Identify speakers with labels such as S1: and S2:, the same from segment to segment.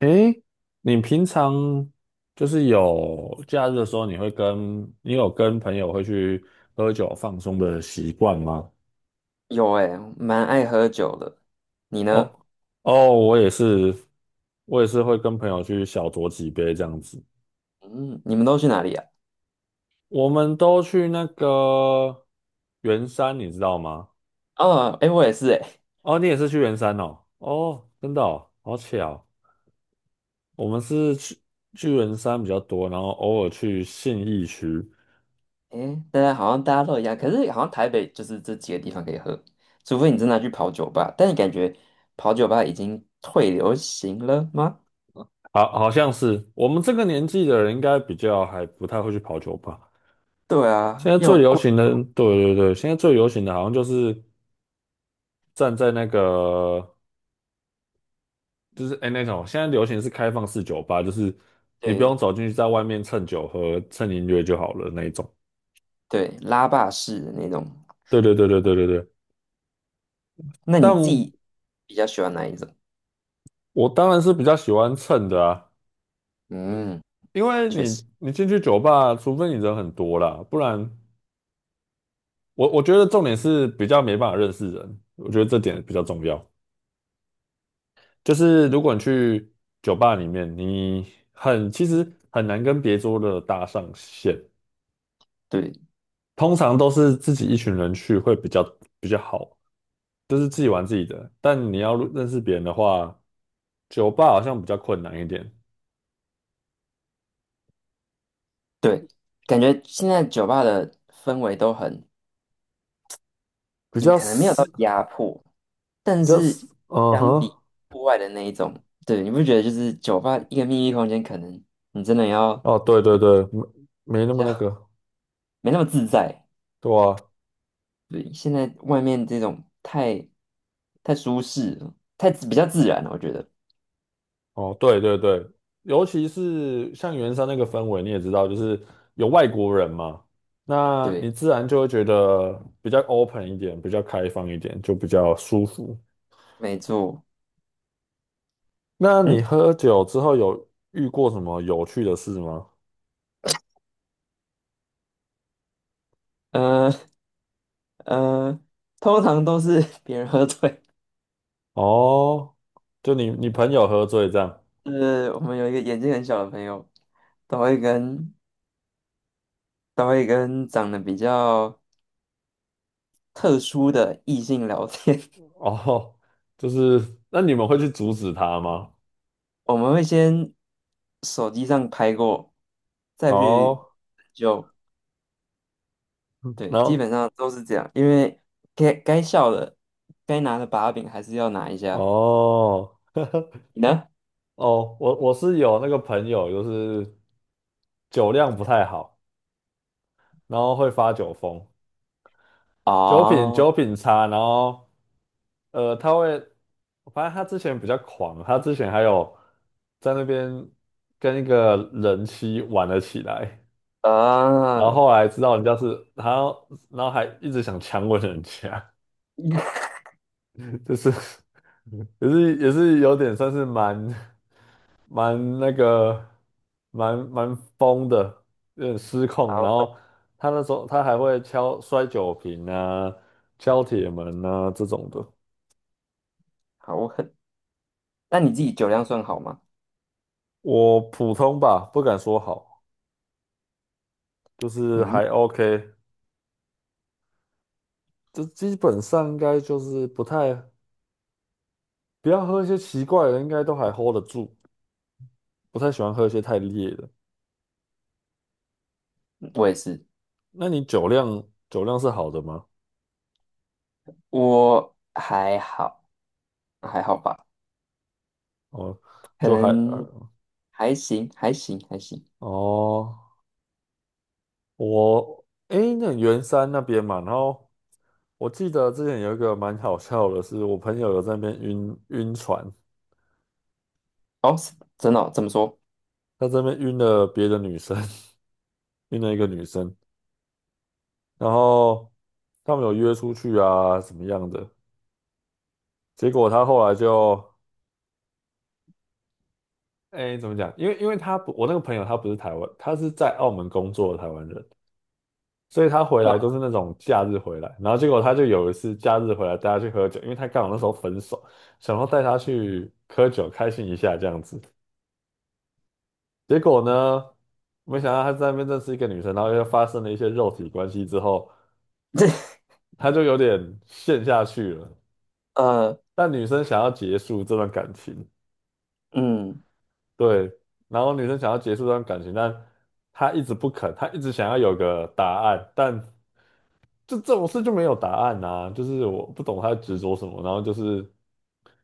S1: 诶，你平常就是有假日的时候，你会跟你有跟朋友会去喝酒放松的习惯吗？
S2: 有哎、蛮爱喝酒的。你呢？
S1: 哦哦，我也是，会跟朋友去小酌几杯这样子。
S2: 嗯，你们都去哪里啊？
S1: 我们都去那个圆山，你知道吗？
S2: 哦，哎、我也是哎、
S1: 哦，你也是去圆山哦？哦，真的哦，好巧。我们是去圆山比较多，然后偶尔去信义区。
S2: 诶哎、大家都一样，可是好像台北就是这几个地方可以喝，除非你真的去跑酒吧，但你感觉跑酒吧已经退流行了吗？
S1: 好，好像是我们这个年纪的人，应该比较还不太会去跑酒吧。
S2: 对
S1: 现
S2: 啊，
S1: 在最
S2: 又
S1: 流
S2: 贵，
S1: 行的，对对对，现在最流行的好像就是站在那个，就是哎、那种，现在流行是开放式酒吧，就是你不
S2: 对
S1: 用走进去，在外面蹭酒喝、蹭音乐就好了那一种。
S2: 对，拉霸式的那种。
S1: 对对对对对对对。
S2: 那你自
S1: 但
S2: 己比较喜欢哪一种？
S1: 我当然是比较喜欢蹭的啊，
S2: 嗯，
S1: 因为
S2: 确实，
S1: 你进去酒吧，除非你人很多啦，不然我觉得重点是比较没办法认识人，我觉得这点比较重要。就是如果你去酒吧里面，你很其实很难跟别桌的搭上线，
S2: 对
S1: 通常都是自己一群人去会比较，就是自己玩自己的。但你要认识别人的话，酒吧好像比较困难一点，
S2: 对，感觉现在酒吧的氛围都很
S1: 比
S2: 也
S1: 较
S2: 可能没有到
S1: 死，
S2: 压迫，但
S1: 比较
S2: 是
S1: 死，嗯
S2: 相
S1: 哼，
S2: 比户外的那一种，对，你不觉得就是酒吧一个秘密闭空间，可能你真的要
S1: 哦，对对对，没
S2: 比
S1: 那么那
S2: 较
S1: 个，
S2: 没那么自在。
S1: 对啊，
S2: 对，现在外面这种太舒适了，比较自然了，我觉得。
S1: 哦，对对对，尤其是像圆山那个氛围，你也知道，就是有外国人嘛，那
S2: 对，
S1: 你自然就会觉得比较 open 一点，比较开放一点，就比较舒服。
S2: 没错。
S1: 那你
S2: 嗯，
S1: 喝酒之后有遇过什么有趣的事吗？
S2: 呃呃，通常都是 别人喝醉。
S1: 哦，就你朋友喝醉这样，
S2: 就是我们有一个眼睛很小的朋友，都会跟都会跟长得比较特殊的异性聊天。
S1: 哦，就是那你们会去阻止他吗？
S2: 我们会先手机上拍过，再去
S1: 哦，
S2: 就
S1: 然
S2: 对，基
S1: 后
S2: 本上都是这样。因为该笑的、该拿的把柄还是要拿一下。
S1: 哦
S2: 你呢？
S1: 哦，我是有那个朋友，就是酒量不太好。然后会发酒疯，酒品
S2: 哦，
S1: 酒品差，然后他会，发现他之前比较狂，他之前还有在那边跟一个人妻玩了起来，然
S2: 啊，
S1: 后 后来知道人家是然后还一直想强吻人家，就是也是有点算是蛮蛮那个蛮疯的，有点失控。然
S2: 好狠，
S1: 后他那时候他还会敲摔酒瓶啊、敲铁门啊这种的。
S2: 好狠！那你自己酒量算好吗？
S1: 我普通吧，不敢说好，就是
S2: 嗯，
S1: 还 OK。这基本上应该就是不太不要喝一些奇怪的，应该都还 hold 得住。不太喜欢喝一些太烈的。
S2: 我也是，
S1: 那你酒量是好的吗？
S2: 我还好，还好吧，
S1: 哦，
S2: 可
S1: 就还
S2: 能
S1: 。
S2: 还行。
S1: 哦，我诶，那圆山那边嘛，然后我记得之前有一个蛮好笑的是，我朋友有在那边晕船，
S2: 哦，是真的哦，怎么说？
S1: 他这边晕了别的女生，晕了一个女生，然后他们有约出去啊，怎么样的？结果他后来就诶，怎么讲？因为他不，我那个朋友他不是台湾，他是在澳门工作的台湾人。所以他回 来都是
S2: 呃，
S1: 那种假日回来，然后结果他就有一次假日回来带他去喝酒，因为他刚好那时候分手，想要带他去喝酒开心一下这样子。结果呢，没想到他在那边认识一个女生，然后又发生了一些肉体关系之后，
S2: 这
S1: 他就有点陷下去了。
S2: 呃，
S1: 但女生想要结束这段感情，
S2: 嗯
S1: 对，然后女生想要结束这段感情，但他一直不肯，他一直想要有个答案，但就这种事就没有答案呐、就是我不懂他在执着什么，然后就是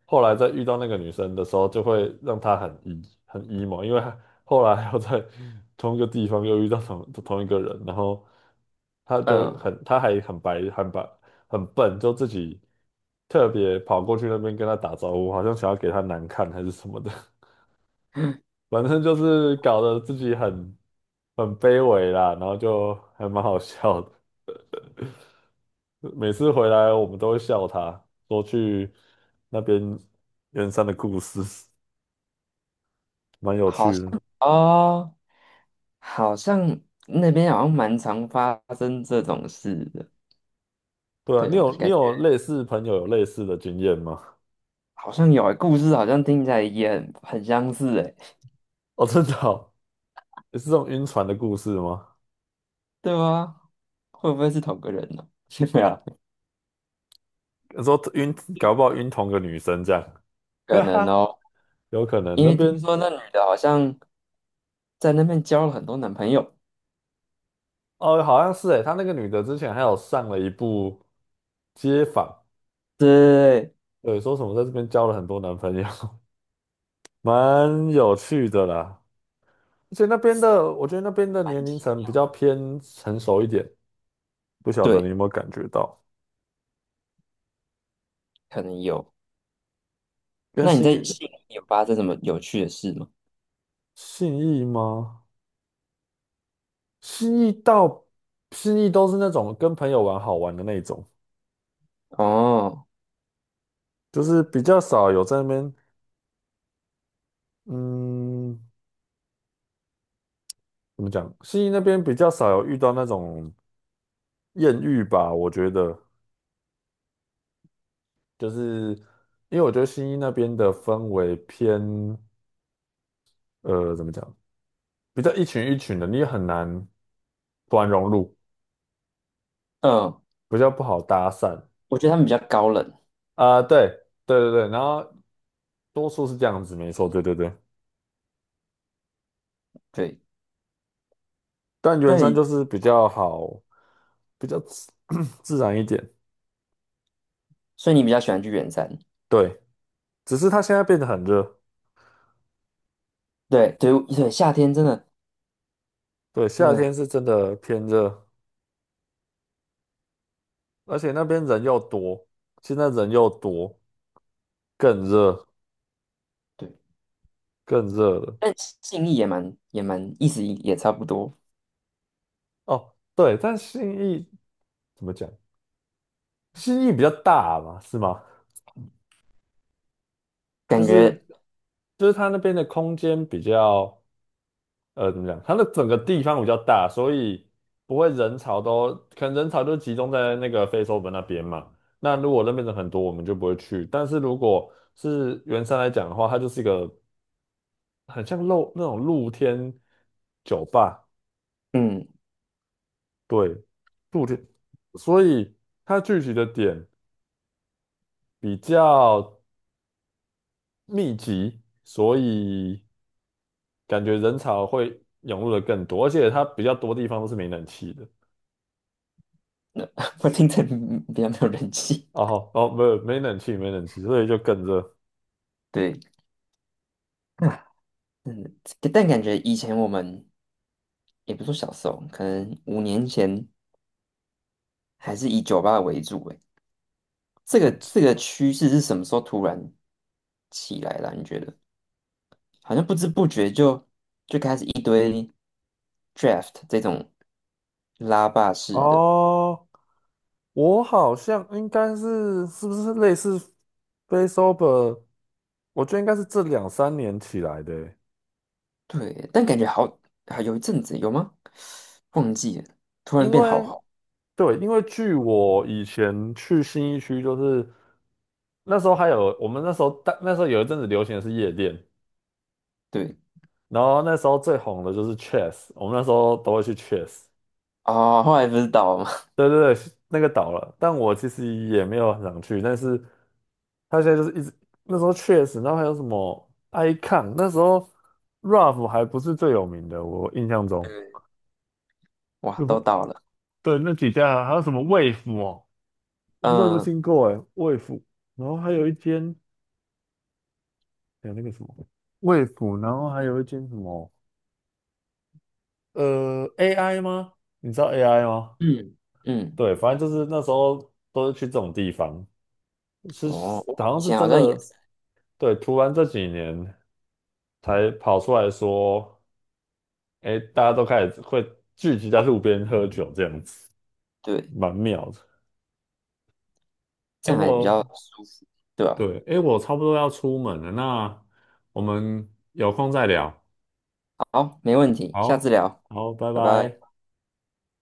S1: 后来在遇到那个女生的时候，就会让他很 emo,因为他后来又在同一个地方又遇到同一个人，然后他就
S2: 嗯。
S1: 很他还很白很白很笨，就自己特别跑过去那边跟他打招呼，好像想要给他难看还是什么的，反正就是搞得自己很很卑微啦，然后就还蛮好笑的。每次回来我们都会笑他，说去那边圆山的故事，蛮有
S2: 好
S1: 趣
S2: 像
S1: 的。
S2: 哦，好像那边好像蛮常发生这种事的，
S1: 对啊，
S2: 对吧？
S1: 你
S2: 感
S1: 有
S2: 觉
S1: 类似朋友有类似的经验吗？
S2: 好像有欸，故事好像听起来也很相似，哎，
S1: 哦，真的哦，也是这种晕船的故事吗？
S2: 对吗？会不会是同个人呢、对啊，
S1: 说晕，搞不好晕同个女生这样，
S2: 可
S1: 哈
S2: 能
S1: 哈，
S2: 哦，
S1: 有可能
S2: 因
S1: 那
S2: 为听
S1: 边
S2: 说那女的好像在那边交了很多男朋友，
S1: 哦，好像是诶，他那个女的之前还有上了一部街访，
S2: 对，
S1: 对，说什么在这边交了很多男朋友，蛮有趣的啦。而且那边的，我觉得那边的
S2: 蛮
S1: 年龄层比较偏成熟一点，不晓得你
S2: 对，
S1: 有没有感觉到？
S2: 可能有。
S1: 跟
S2: 那你在悉尼有发生什么有趣的事吗？
S1: 信义吗？信义到信义都是那种跟朋友玩好玩的那种，
S2: 哦，
S1: 就是比较少有在那边，嗯，怎么讲？信义那边比较少有遇到那种艳遇吧，我觉得，就是因为我觉得信义那边的氛围偏，呃，怎么讲？比较一群一群的，你也很难突然融入。
S2: 嗯，
S1: 比较不好搭讪
S2: 我觉得他们比较高冷，
S1: 啊、对对对对，然后多数是这样子，没错，对对对。
S2: 对，
S1: 但圆
S2: 但
S1: 山
S2: 你，
S1: 就是比较好，比较自 自然一点，
S2: 所以你比较喜欢去远山。
S1: 对。只是它现在变得很热，
S2: 对对对，夏天真的
S1: 对，
S2: 真
S1: 夏天
S2: 的
S1: 是真的偏热，而且那边人又多，现在人又多，更热，
S2: 对，
S1: 更热了。
S2: 但信意也蛮意思也差不多，
S1: 哦，对，但信义怎么讲？信义比较大嘛，是吗？就
S2: 感觉
S1: 是就是它那边的空间比较。呃，怎么讲？它的整个地方比较大，所以不会人潮都，可能人潮就集中在那个非洲本那边嘛。那如果那边人很多，我们就不会去。但是如果是圆山来讲的话，它就是一个很像那种露天酒吧，
S2: 嗯，
S1: 对，露天，所以它聚集的点比较密集，所以感觉人潮会涌入的更多，而且它比较多地方都是没冷气的。
S2: 我听着嗯比较没有人气。
S1: 哦好哦，没有没冷气，没冷气，所以就更热。
S2: 对啊，真的，但感觉以前我们也不是说小时候，可能5年前还是以酒吧为主。诶，这
S1: 哦
S2: 个
S1: 这
S2: 这个趋势是什么时候突然起来了啊？你觉得好像不知不觉就开始一堆 draft 这种拉霸式的。
S1: 哦，我好像应该是是不是类似 Face Sober?我觉得应该是这两三年起来的欸
S2: 对，但感觉好啊，有一阵子有吗？忘记了，突然
S1: 因
S2: 变好
S1: 为
S2: 好，
S1: 对，因为据我以前去新一区，就是那时候还有我们那时候有一阵子流行的是夜店，
S2: 对，
S1: 然后那时候最红的就是 Chess,我们那时候都会去 Chess。
S2: 啊，后来不是倒了吗？
S1: 对对对，那个倒了，但我其实也没有很想去，但是他现在就是一直那时候确实，然后还有什么 Icon,那时候 Ruff 还不是最有名的，我印象
S2: 对，
S1: 中，
S2: 哇，
S1: 那
S2: 都
S1: 不
S2: 倒了。
S1: 对，那几家还有什么 Wave 哦，我不知道有没有
S2: 嗯
S1: 听过哎，Wave,然后还有一间还有那个什么 Wave,然后还有一间什么AI 吗？你知道 AI 吗？
S2: 嗯，嗯，
S1: 对，反正就是那时候都是去这种地方，是
S2: 哦，哇
S1: 好
S2: 以
S1: 像是
S2: 前好
S1: 真
S2: 像也
S1: 的，
S2: 是，
S1: 对，突然这几年才跑出来说，哎，大家都开始会聚集在路边喝酒这样子，
S2: 对，
S1: 蛮妙的。哎，
S2: 这样还比较
S1: 我
S2: 舒服，对吧？
S1: 对，哎，我差不多要出门了，那我们有空再聊。
S2: 好，没问题，下次
S1: 好，
S2: 聊，
S1: 好，拜
S2: 拜拜。
S1: 拜。